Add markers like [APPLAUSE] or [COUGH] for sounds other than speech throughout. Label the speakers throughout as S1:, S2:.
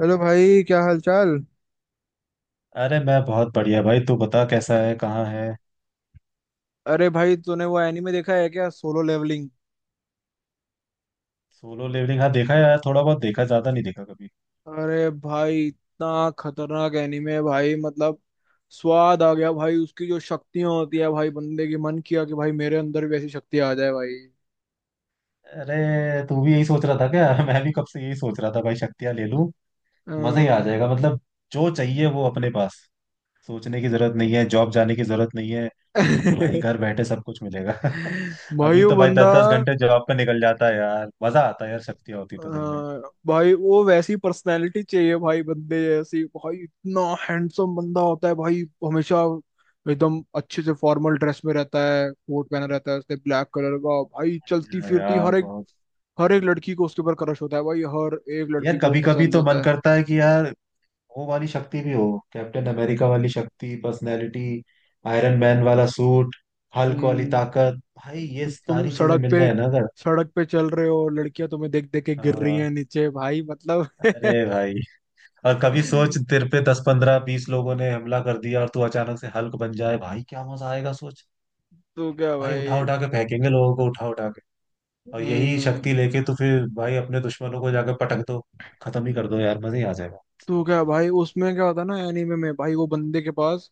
S1: Hello भाई, क्या हाल चाल।
S2: अरे मैं बहुत बढ़िया भाई। तू बता कैसा है कहाँ है।
S1: अरे भाई, तूने वो एनीमे देखा है क्या? Solo Leveling.
S2: सोलो लेवलिंग हाँ देखा है यार थोड़ा बहुत देखा ज्यादा नहीं देखा कभी।
S1: अरे भाई, इतना खतरनाक एनीमे है भाई, मतलब स्वाद आ गया भाई। उसकी जो शक्तियां होती है भाई बंदे की, मन किया कि भाई मेरे अंदर भी ऐसी शक्ति आ जाए भाई।
S2: अरे तू भी यही सोच रहा था क्या? [LAUGHS] मैं भी कब से यही सोच रहा था भाई शक्तियाँ ले लूं। मजा ही आ
S1: अं।
S2: जाएगा मतलब जो चाहिए वो अपने पास। सोचने की जरूरत नहीं है जॉब जाने की जरूरत नहीं है। भाई
S1: [LAUGHS]
S2: घर बैठे सब कुछ मिलेगा। [LAUGHS]
S1: भाई
S2: अभी
S1: वो
S2: तो भाई
S1: बंदा।
S2: 10 10 घंटे जॉब पे निकल जाता है यार। मजा आता है यार शक्तियाँ होती तो सही में।
S1: हाँ, भाई वो वैसी पर्सनालिटी चाहिए भाई, बंदे जैसी। भाई इतना हैंडसम बंदा होता है भाई, हमेशा एकदम अच्छे से फॉर्मल ड्रेस में रहता है, कोट पहना रहता है उसने, ब्लैक कलर का। भाई चलती
S2: बढ़िया है
S1: फिरती
S2: यार
S1: हर एक,
S2: बहुत।
S1: हर एक लड़की को उसके ऊपर क्रश होता है भाई। हर एक लड़की
S2: यार
S1: को वो
S2: कभी कभी
S1: पसंद
S2: तो मन
S1: होता है।
S2: करता है कि यार वो वाली शक्ति भी हो। कैप्टन अमेरिका वाली शक्ति पर्सनैलिटी, आयरन मैन वाला सूट, हल्क वाली
S1: हम्म।
S2: ताकत भाई ये
S1: तो तुम
S2: सारी चीजें
S1: सड़क
S2: मिल
S1: पे
S2: जाए ना अगर।
S1: सड़क पे चल रहे हो, लड़कियां तुम्हें देख देख के गिर रही
S2: हाँ,
S1: हैं नीचे भाई, मतलब।
S2: अरे भाई और कभी सोच
S1: [LAUGHS]
S2: तेरे पे 10 15 20 लोगों ने हमला कर दिया और तू अचानक से हल्क बन जाए भाई क्या मजा आएगा सोच।
S1: तो क्या
S2: भाई उठा
S1: भाई।
S2: उठा के फेंकेंगे लोगों को उठा उठा के। और यही
S1: हम्म।
S2: शक्ति लेके तो फिर भाई अपने दुश्मनों को जाकर पटक दो। खत्म ही कर दो यार मजा ही आ जाएगा।
S1: तो क्या भाई, उसमें क्या होता है ना एनीमे में, भाई वो बंदे के पास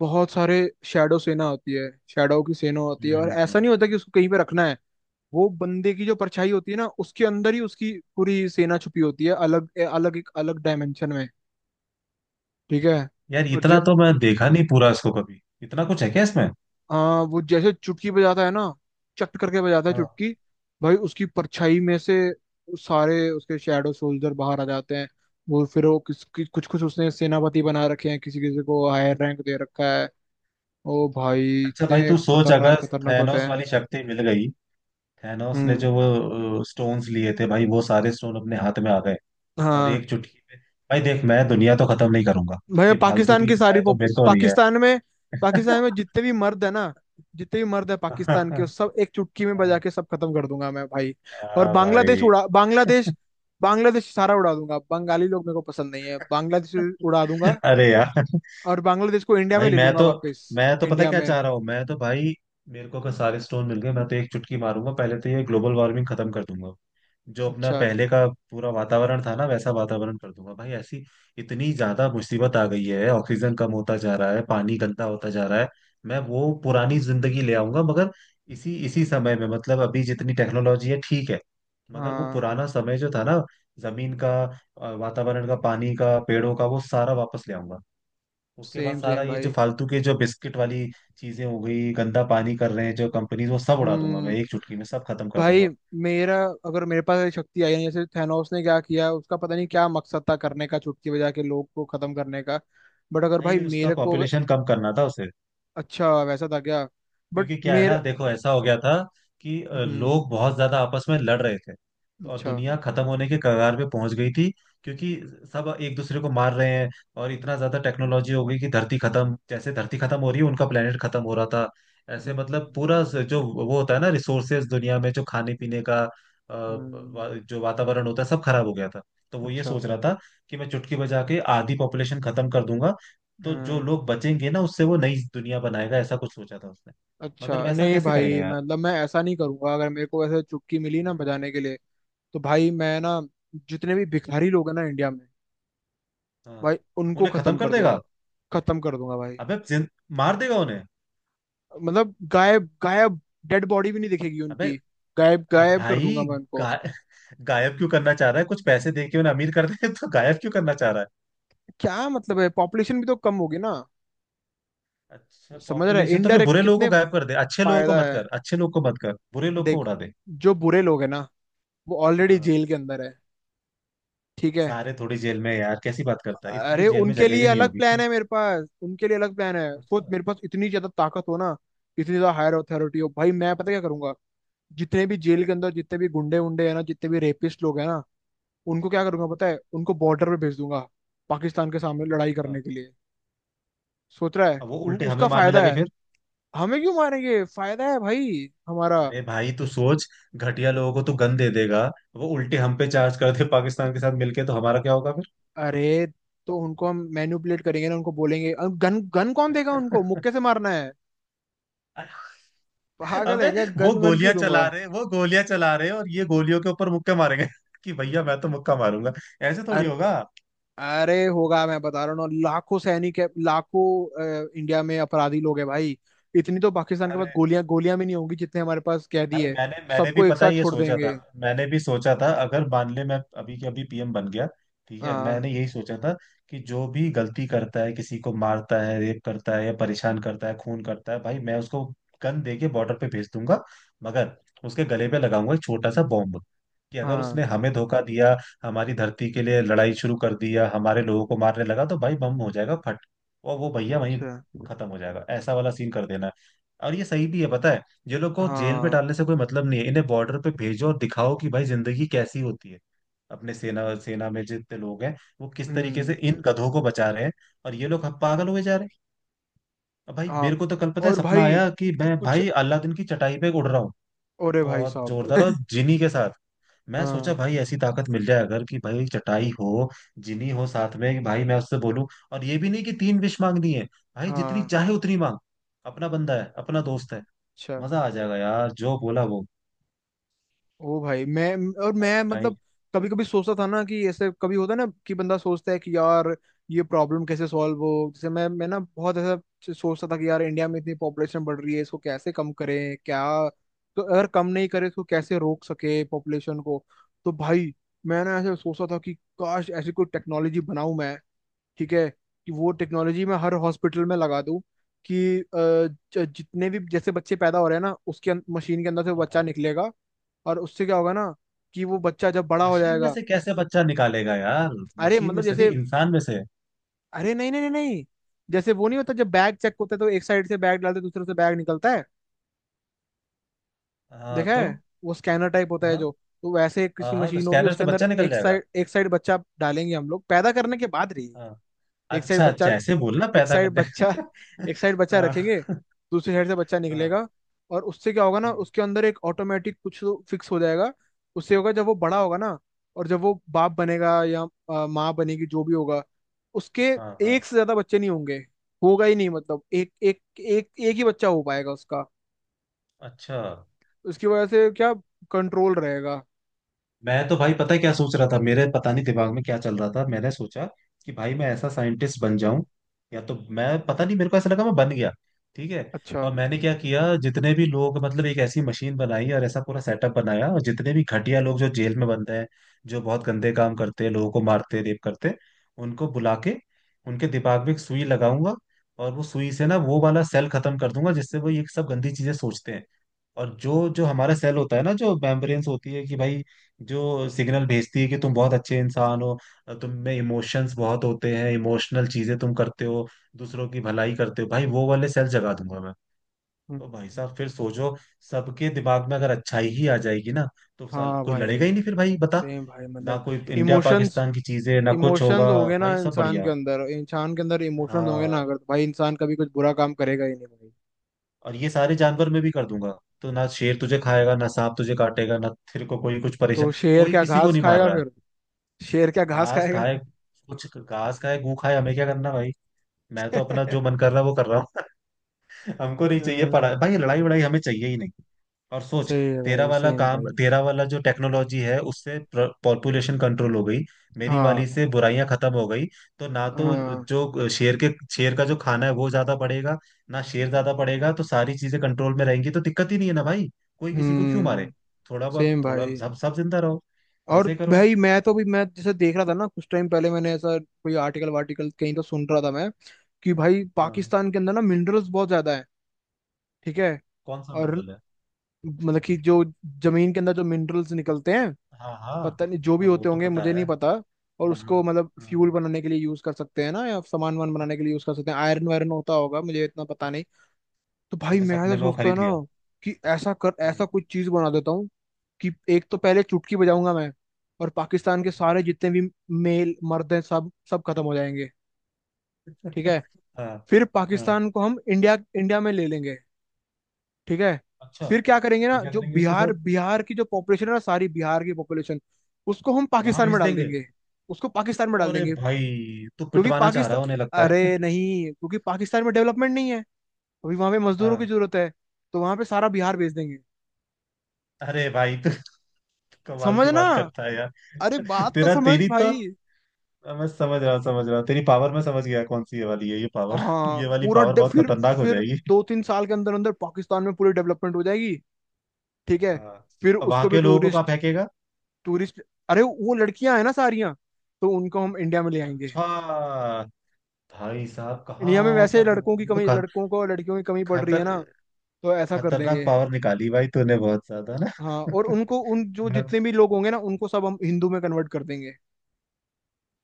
S1: बहुत सारे शैडो सेना होती है, शैडो की सेना होती है।
S2: हम्म
S1: और
S2: हम्म,
S1: ऐसा
S2: हम्म।
S1: नहीं होता कि उसको कहीं पे रखना है। वो बंदे की जो परछाई होती है ना, उसके अंदर ही उसकी पूरी सेना छुपी होती है, अलग अलग, एक अलग डायमेंशन में। ठीक है।
S2: यार
S1: और ज,
S2: इतना तो मैं देखा नहीं पूरा इसको कभी इतना कुछ है क्या इसमें।
S1: हाँ, वो जैसे चुटकी बजाता है ना, चट करके बजाता है
S2: हाँ।
S1: चुटकी भाई, उसकी परछाई में से सारे उसके शैडो सोल्जर बाहर आ जाते हैं। वो फिर वो कुछ कुछ उसने सेनापति बना रखे हैं, किसी किसी को हायर रैंक दे रखा है। ओ भाई,
S2: अच्छा भाई
S1: इतने
S2: तू सोच
S1: खतरनाक
S2: अगर
S1: खतरनाक होते
S2: थैनोस
S1: हैं।
S2: वाली शक्ति मिल गई। थैनोस ने
S1: हम्म।
S2: जो वो स्टोन्स लिए थे भाई वो सारे स्टोन अपने हाथ में आ गए। और
S1: हाँ
S2: एक चुटकी में भाई देख मैं दुनिया तो खत्म नहीं करूंगा।
S1: भाई,
S2: ये फालतू
S1: पाकिस्तान
S2: की
S1: की सारी
S2: इच्छाएं तो मेरे को नहीं है।
S1: पाकिस्तान में, पाकिस्तान में जितने भी मर्द है ना, जितने भी मर्द है पाकिस्तान के, वो
S2: [LAUGHS]
S1: सब एक चुटकी में बजा के सब खत्म कर दूंगा मैं भाई। और
S2: हाँ
S1: बांग्लादेश
S2: भाई।
S1: उड़ा, बांग्लादेश, बांग्लादेश सारा उड़ा दूंगा। बंगाली लोग मेरे को पसंद नहीं है, बांग्लादेश उड़ा दूंगा।
S2: अरे यार
S1: और बांग्लादेश को इंडिया में
S2: भाई
S1: ले
S2: मैं
S1: लूंगा
S2: तो
S1: वापस,
S2: मैं तो पता
S1: इंडिया
S2: क्या
S1: में।
S2: चाह रहा हूँ मैं तो भाई मेरे को अगर सारे स्टोन मिल गए मैं तो एक चुटकी मारूंगा पहले तो ये ग्लोबल वार्मिंग खत्म कर दूंगा। जो अपना
S1: अच्छा।
S2: पहले का पूरा वातावरण था ना वैसा वातावरण कर दूंगा भाई। ऐसी इतनी ज्यादा मुसीबत आ गई है। ऑक्सीजन कम होता जा रहा है पानी गंदा होता जा रहा है। मैं वो पुरानी जिंदगी ले आऊंगा मगर इसी इसी समय में मतलब अभी जितनी टेक्नोलॉजी है ठीक है। मगर वो
S1: हाँ।
S2: पुराना समय जो था ना जमीन का, वातावरण का पानी का पेड़ों का वो सारा वापस ले आऊंगा। उसके बाद
S1: सेम
S2: सारा
S1: सेम
S2: ये जो
S1: भाई।
S2: फालतू के जो बिस्किट वाली चीजें हो गई गंदा पानी कर रहे हैं जो कंपनीज वो सब उड़ा दूंगा
S1: हम्म।
S2: मैं एक चुटकी में सब खत्म कर
S1: भाई
S2: दूंगा।
S1: मेरा, अगर मेरे पास ऐसी शक्ति आई है, जैसे थैनोस ने क्या किया उसका पता नहीं, क्या मकसद था करने का, चुटकी बजा के लोग को खत्म करने का। बट अगर भाई
S2: नहीं उसका
S1: मेरे को अगर-।
S2: पॉपुलेशन कम करना था उसे।
S1: अच्छा, वैसा था क्या? बट
S2: क्योंकि क्या है ना
S1: मेरे,
S2: देखो ऐसा हो गया था कि
S1: हम्म।
S2: लोग बहुत ज्यादा आपस में लड़ रहे थे। और
S1: अच्छा।
S2: दुनिया खत्म होने के कगार पे पहुंच गई थी क्योंकि सब एक दूसरे को मार रहे हैं। और इतना ज्यादा टेक्नोलॉजी हो गई कि धरती खत्म जैसे धरती खत्म हो रही है उनका प्लेनेट खत्म हो रहा था। ऐसे
S1: हम्म।
S2: मतलब पूरा जो वो होता है ना रिसोर्सेज दुनिया में जो खाने पीने का
S1: हम्म,
S2: जो वातावरण होता है सब खराब हो गया था। तो वो ये
S1: अच्छा।
S2: सोच रहा था कि मैं चुटकी बजा के आधी पॉपुलेशन खत्म कर दूंगा। तो जो
S1: हम्म।
S2: लोग बचेंगे ना उससे वो नई दुनिया बनाएगा ऐसा कुछ सोचा था उसने। मगर
S1: अच्छा
S2: वैसा
S1: नहीं
S2: कैसे करेगा
S1: भाई,
S2: यार।
S1: मतलब मैं ऐसा नहीं करूंगा अगर मेरे को ऐसे चुटकी मिली ना
S2: हम्म,
S1: बजाने के लिए। तो भाई मैं ना, जितने भी भिखारी लोग हैं ना इंडिया में,
S2: हाँ।
S1: भाई उनको
S2: उन्हें खत्म
S1: खत्म
S2: कर
S1: कर
S2: देगा।
S1: दूंगा। खत्म कर दूंगा भाई।
S2: अबे जिन, मार देगा उन्हें।
S1: मतलब गायब गायब, डेड बॉडी भी नहीं दिखेगी
S2: अबे
S1: उनकी। गायब
S2: अब
S1: गायब कर दूंगा
S2: भाई
S1: मैं उनको।
S2: गा, गायब क्यों करना चाह रहा है कुछ पैसे दे के उन्हें अमीर कर दे तो गायब क्यों करना चाह रहा है।
S1: क्या मतलब है, पॉपुलेशन भी तो कम होगी ना।
S2: अच्छा
S1: समझ रहा है,
S2: पॉपुलेशन तो फिर
S1: इनडायरेक्ट
S2: बुरे लोगों को
S1: कितने
S2: गायब कर दे अच्छे लोगों को
S1: फायदा
S2: मत
S1: है।
S2: कर अच्छे लोगों को मत कर बुरे लोगों को
S1: देख,
S2: उड़ा दे।
S1: जो बुरे लोग हैं ना, वो ऑलरेडी
S2: हाँ।
S1: जेल के अंदर है। ठीक है।
S2: सारे थोड़ी जेल में यार कैसी बात करता है इतनी तो
S1: अरे
S2: जेल में
S1: उनके
S2: जगह
S1: लिए
S2: भी नहीं
S1: अलग
S2: होगी।
S1: प्लान है मेरे पास, उनके लिए अलग प्लान है। सोच,
S2: अच्छा।
S1: मेरे पास इतनी ज्यादा ताकत हो ना, इतनी ज्यादा हायर अथॉरिटी हो, भाई मैं पता क्या करूंगा। जितने भी जेल के अंदर, जितने भी गुंडे उंडे हैं ना, जितने भी रेपिस्ट लोग हैं ना, उनको क्या
S2: हाँ,
S1: करूंगा पता है? उनको बॉर्डर पे भेज दूंगा, पाकिस्तान के सामने लड़ाई
S2: हाँ।
S1: करने के लिए। सोच रहा है,
S2: अब वो उल्टे हमें
S1: उसका
S2: मारने
S1: फायदा
S2: लगे
S1: है।
S2: फिर।
S1: हमें क्यों मारेंगे, फायदा है भाई हमारा।
S2: अरे भाई तू सोच घटिया लोगों को तू गन दे देगा। वो उल्टे हम पे चार्ज कर दे पाकिस्तान के साथ मिलके तो हमारा क्या होगा फिर।
S1: अरे, तो उनको हम मैनिपुलेट करेंगे ना, उनको बोलेंगे। गन गन कौन देगा, उनको मुक्के से मारना है।
S2: [LAUGHS]
S1: पागल
S2: अबे
S1: है क्या,
S2: वो
S1: गन वन
S2: गोलियां
S1: क्यों
S2: चला
S1: दूंगा।
S2: रहे वो गोलियां चला रहे और ये गोलियों के ऊपर मुक्के मारेंगे [LAUGHS] कि भैया मैं तो मुक्का मारूंगा। ऐसे थोड़ी
S1: अर,
S2: होगा।
S1: अरे होगा, मैं बता रहा हूँ ना, लाखों सैनिक है लाखों, इंडिया में अपराधी लोग हैं भाई। इतनी तो पाकिस्तान के पास गोलियां गोलियां भी नहीं होंगी जितने हमारे पास कैदी
S2: भाई
S1: है।
S2: मैंने मैंने भी
S1: सबको एक
S2: पता
S1: साथ
S2: है ये
S1: छोड़
S2: सोचा था।
S1: देंगे।
S2: मैंने भी सोचा था अगर मान ले मैं अभी के अभी पीएम बन गया ठीक है। मैंने
S1: हाँ।
S2: यही सोचा था कि जो भी गलती करता है किसी को मारता है रेप करता है या परेशान करता है खून करता है भाई मैं उसको गन दे के बॉर्डर पे भेज दूंगा। मगर उसके गले पे लगाऊंगा एक छोटा सा बॉम्ब कि अगर
S1: हाँ।
S2: उसने हमें धोखा दिया हमारी धरती के लिए लड़ाई शुरू कर दिया हमारे लोगों को मारने लगा तो भाई बम हो जाएगा फट। और वो भैया वहीं
S1: अच्छा।
S2: खत्म हो जाएगा ऐसा वाला सीन कर देना है। और ये सही भी है पता है ये लोग को जेल में
S1: हाँ।
S2: डालने से कोई मतलब नहीं है इन्हें बॉर्डर पे भेजो और दिखाओ कि भाई जिंदगी कैसी होती है। अपने सेना सेना में जितने लोग हैं वो किस तरीके से
S1: हम्म।
S2: इन गधों को बचा रहे हैं। और ये लोग अब पागल हुए जा रहे हैं। अब भाई
S1: हाँ।
S2: मेरे को तो कल पता है
S1: और
S2: सपना
S1: भाई
S2: आया कि मैं
S1: कुछ,
S2: भाई अलादीन की चटाई पे उड़ रहा हूँ।
S1: अरे भाई
S2: बहुत जोरदार और
S1: साहब। [LAUGHS]
S2: जिनी के साथ। मैं सोचा
S1: हाँ।
S2: भाई ऐसी ताकत मिल जाए अगर कि भाई चटाई हो जिनी हो साथ में कि भाई मैं उससे बोलूं। और ये भी नहीं कि तीन विश मांगनी है भाई जितनी
S1: हाँ।
S2: चाहे उतनी मांग। अपना बंदा है अपना दोस्त है।
S1: अच्छा।
S2: मजा आ जाएगा यार जो बोला वो
S1: ओ भाई मैं, और मैं,
S2: बताई।
S1: मतलब कभी कभी सोचता था ना, कि ऐसे कभी होता है ना, कि बंदा सोचता है कि यार, ये प्रॉब्लम कैसे सॉल्व हो। जैसे मैं ना बहुत ऐसा सोचता था कि यार, इंडिया में इतनी पॉपुलेशन बढ़ रही है, इसको कैसे कम करें क्या, तो अगर कम नहीं करें तो कैसे रोक सके पॉपुलेशन को। तो भाई मैंने ऐसे सोचता था कि काश ऐसी कोई टेक्नोलॉजी बनाऊं मैं। ठीक है, कि वो टेक्नोलॉजी मैं हर हॉस्पिटल में लगा दूं, कि जितने भी जैसे बच्चे पैदा हो रहे हैं ना, उसके मशीन के अंदर से वो
S2: हाँ
S1: बच्चा
S2: हाँ।
S1: निकलेगा। और उससे क्या होगा ना, कि वो बच्चा जब बड़ा हो
S2: मशीन में
S1: जाएगा।
S2: से कैसे बच्चा निकालेगा यार।
S1: अरे
S2: मशीन में
S1: मतलब
S2: से नहीं
S1: जैसे,
S2: इंसान में से।
S1: अरे नहीं नहीं नहीं नहीं, जैसे वो नहीं होता जब बैग चेक होता है, तो एक साइड से बैग डालते हैं, दूसरे से बैग निकलता है,
S2: हाँ
S1: देखा
S2: तो।
S1: है? वो स्कैनर टाइप होता है
S2: हाँ
S1: जो। तो वैसे
S2: हाँ।
S1: किसी
S2: हाँ तो
S1: मशीन होगी,
S2: स्कैनर
S1: उसके
S2: से
S1: अंदर
S2: बच्चा निकल
S1: एक
S2: जाएगा।
S1: साइड, एक साइड बच्चा डालेंगे हम लोग पैदा करने के बाद, रही
S2: हाँ।
S1: एक साइड
S2: अच्छा अच्छा
S1: बच्चा,
S2: ऐसे बोलना
S1: एक
S2: पैदा
S1: साइड
S2: करने।
S1: बच्चा, एक साइड
S2: [LAUGHS]
S1: बच्चा
S2: हाँ
S1: रखेंगे,
S2: हाँ।
S1: दूसरी साइड से बच्चा
S2: हाँ।
S1: निकलेगा। और उससे क्या होगा ना,
S2: हम्म,
S1: उसके अंदर एक ऑटोमेटिक कुछ फिक्स हो जाएगा। उससे होगा जब वो बड़ा होगा ना, और जब वो बाप बनेगा या माँ बनेगी, जो भी होगा, उसके
S2: हाँ, हाँ,
S1: एक से ज्यादा बच्चे नहीं होंगे। होगा ही नहीं, मतलब एक एक, एक एक ही बच्चा हो पाएगा उसका।
S2: अच्छा।
S1: उसकी वजह से क्या, कंट्रोल रहेगा।
S2: मैं तो भाई पता है क्या सोच रहा था मेरे पता नहीं दिमाग में क्या चल रहा था मैंने सोचा कि भाई मैं ऐसा साइंटिस्ट बन जाऊं। या तो मैं पता नहीं मेरे को ऐसा लगा मैं बन गया ठीक है।
S1: अच्छा।
S2: और मैंने क्या किया जितने भी लोग मतलब एक ऐसी मशीन बनाई और ऐसा पूरा सेटअप बनाया और जितने भी घटिया लोग जो जेल में बंद हैं जो बहुत गंदे काम करते हैं लोगों को मारते रेप करते हैं, उनको बुला के उनके दिमाग में एक सुई लगाऊंगा। और वो सुई से ना वो वाला सेल खत्म कर दूंगा जिससे वो ये सब गंदी चीजें सोचते हैं। और जो जो हमारा सेल होता है ना जो मेम्ब्रेन्स होती है कि भाई जो सिग्नल भेजती है कि तुम बहुत अच्छे इंसान हो तुम में इमोशंस बहुत होते हैं इमोशनल चीजें तुम करते हो दूसरों की भलाई करते हो भाई वो वाले सेल जगा दूंगा मैं।
S1: हम्म,
S2: ओ भाई साहब फिर सोचो सबके दिमाग में अगर अच्छाई ही आ जाएगी ना तो साल
S1: हाँ
S2: कोई
S1: भाई,
S2: लड़ेगा ही नहीं फिर भाई बता।
S1: सेम भाई,
S2: ना
S1: मतलब
S2: कोई इंडिया
S1: इमोशंस,
S2: पाकिस्तान की चीजें ना कुछ होगा।
S1: इमोशंस हो गए ना
S2: भाई सब
S1: इंसान
S2: बढ़िया।
S1: के अंदर, इंसान के अंदर इमोशंस हो गए ना
S2: हाँ
S1: अगर, तो भाई इंसान कभी कुछ बुरा काम करेगा ही नहीं भाई।
S2: और ये सारे जानवर मैं भी कर दूंगा तो ना शेर तुझे खाएगा ना सांप तुझे काटेगा ना तेरे को कोई कुछ परेशान
S1: तो शेर
S2: कोई
S1: क्या
S2: किसी को
S1: घास
S2: नहीं मार
S1: खाएगा
S2: रहा है।
S1: फिर? शेर क्या घास
S2: घास
S1: खाएगा
S2: खाए
S1: फिर?
S2: कुछ घास खाए गू खाए हमें क्या करना भाई। मैं तो अपना जो
S1: [LAUGHS]
S2: मन कर रहा है वो कर रहा हूँ। [LAUGHS] हमको नहीं चाहिए
S1: हम्म,
S2: पढ़ाई भाई लड़ाई वड़ाई हमें चाहिए ही नहीं। और सोच
S1: सही है
S2: तेरा
S1: भाई,
S2: वाला
S1: सेम
S2: काम
S1: भाई।
S2: तेरा वाला जो टेक्नोलॉजी है उससे पॉपुलेशन कंट्रोल हो गई। मेरी वाली
S1: हाँ।
S2: से बुराइयां खत्म हो गई। तो ना तो
S1: हाँ।
S2: जो शेर के शेर का जो खाना है वो ज्यादा पड़ेगा। ना शेर ज्यादा पड़ेगा तो सारी चीजें कंट्रोल में रहेंगी तो दिक्कत ही नहीं है ना भाई। कोई किसी को क्यों मारे।
S1: हम्म।
S2: थोड़ा बहुत
S1: सेम
S2: थोड़ा
S1: भाई।
S2: सब सब जिंदा रहो
S1: और
S2: मजे करो।
S1: भाई मैं तो, भी मैं जैसे देख रहा था ना, कुछ टाइम पहले मैंने ऐसा कोई आर्टिकल वार्टिकल कहीं तो सुन रहा था मैं, कि भाई
S2: हाँ।
S1: पाकिस्तान के अंदर ना मिनरल्स बहुत ज्यादा है। ठीक है।
S2: कौन सा
S1: और
S2: मिनरल है।
S1: मतलब कि जो जमीन के अंदर जो मिनरल्स निकलते हैं,
S2: हाँ हाँ।
S1: पता नहीं जो भी
S2: हाँ वो
S1: होते
S2: तो
S1: होंगे,
S2: पता
S1: मुझे नहीं
S2: है।
S1: पता। और
S2: हाँ हाँ।
S1: उसको मतलब
S2: हाँ
S1: फ्यूल
S2: हाँ।
S1: बनाने के लिए यूज कर सकते हैं ना, या सामान वान बनाने के लिए यूज कर सकते हैं, आयरन वायरन होता होगा, मुझे इतना पता नहीं। तो भाई
S2: तूने
S1: मैं ऐसा
S2: सपने में वो
S1: सोचता है
S2: खरीद
S1: ना,
S2: लिया।
S1: कि ऐसा कर,
S2: हम्म।
S1: ऐसा कुछ चीज बना देता हूँ, कि एक तो पहले चुटकी बजाऊंगा मैं, और पाकिस्तान के
S2: हम्म।
S1: सारे जितने भी मेल मर्द हैं, सब सब खत्म हो जाएंगे। ठीक है।
S2: [LAUGHS] हाँ
S1: फिर
S2: हाँ।
S1: पाकिस्तान को हम इंडिया इंडिया में ले लेंगे। ठीक है।
S2: अच्छा
S1: फिर क्या करेंगे
S2: फिर
S1: ना,
S2: क्या
S1: जो
S2: करेंगे उसके
S1: बिहार
S2: साथ।
S1: बिहार की जो पॉपुलेशन है ना, सारी बिहार की पॉपुलेशन, उसको हम
S2: वहां
S1: पाकिस्तान में
S2: भेज
S1: डाल
S2: देंगे।
S1: देंगे, उसको पाकिस्तान में डाल
S2: अरे
S1: देंगे।
S2: भाई तू
S1: क्योंकि
S2: पिटवाना चाह रहा
S1: पाकिस्तान,
S2: है उन्हें लगता है।
S1: अरे नहीं, क्योंकि पाकिस्तान में डेवलपमेंट नहीं है, अभी वहां पे
S2: [LAUGHS]
S1: मजदूरों की
S2: हाँ।
S1: जरूरत है, तो वहां पे सारा बिहार भेज देंगे।
S2: अरे भाई तू [LAUGHS] कमाल की
S1: समझना।
S2: बात करता है यार।
S1: अरे
S2: [LAUGHS]
S1: बात तो
S2: तेरा
S1: समझ
S2: तेरी तो
S1: भाई।
S2: मैं समझ रहा तेरी पावर मैं समझ गया कौन सी ये वाली है ये पावर। [LAUGHS]
S1: हाँ,
S2: ये वाली
S1: पूरा
S2: पावर बहुत
S1: फिर
S2: खतरनाक हो
S1: फिर
S2: जाएगी।
S1: दो तीन साल के अंदर अंदर पाकिस्तान में पूरी डेवलपमेंट हो जाएगी। ठीक है।
S2: हाँ।
S1: फिर
S2: अब वहां
S1: उसको भी
S2: के लोगों को कहाँ
S1: टूरिस्ट,
S2: फेंकेगा।
S1: टूरिस्ट, अरे वो लड़कियां हैं ना सारियां, तो उनको हम इंडिया में ले आएंगे।
S2: अच्छा भाई साहब
S1: इंडिया में
S2: कहाँ का
S1: वैसे लड़कों की
S2: दिमाग ये तो
S1: कमी, लड़कों को लड़कियों की कमी पड़ रही
S2: खतर
S1: है ना, तो ऐसा कर
S2: खतरनाक
S1: देंगे।
S2: पावर निकाली भाई तूने बहुत ज्यादा ना।
S1: हाँ, और
S2: [LAUGHS]
S1: उनको उन जो
S2: मैं
S1: जितने भी लोग होंगे ना, उनको सब हम हिंदू में कन्वर्ट कर देंगे।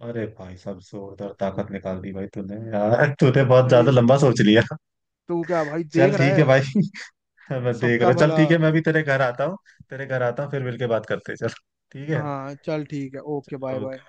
S2: अरे भाई साहब जोरदार ताकत निकाल दी भाई तूने यार। [LAUGHS] तूने बहुत ज्यादा
S1: भाई
S2: लंबा सोच लिया।
S1: तू क्या भाई देख
S2: चल
S1: रहा
S2: ठीक है
S1: है?
S2: भाई। [LAUGHS] मैं देख रहा
S1: सबका
S2: हूँ चल
S1: भला।
S2: ठीक है मैं भी तेरे घर आता हूँ। तेरे घर आता हूँ फिर मिलके बात करते हैं चल ठीक है
S1: हाँ चल ठीक है, ओके, बाय
S2: ओके।
S1: बाय।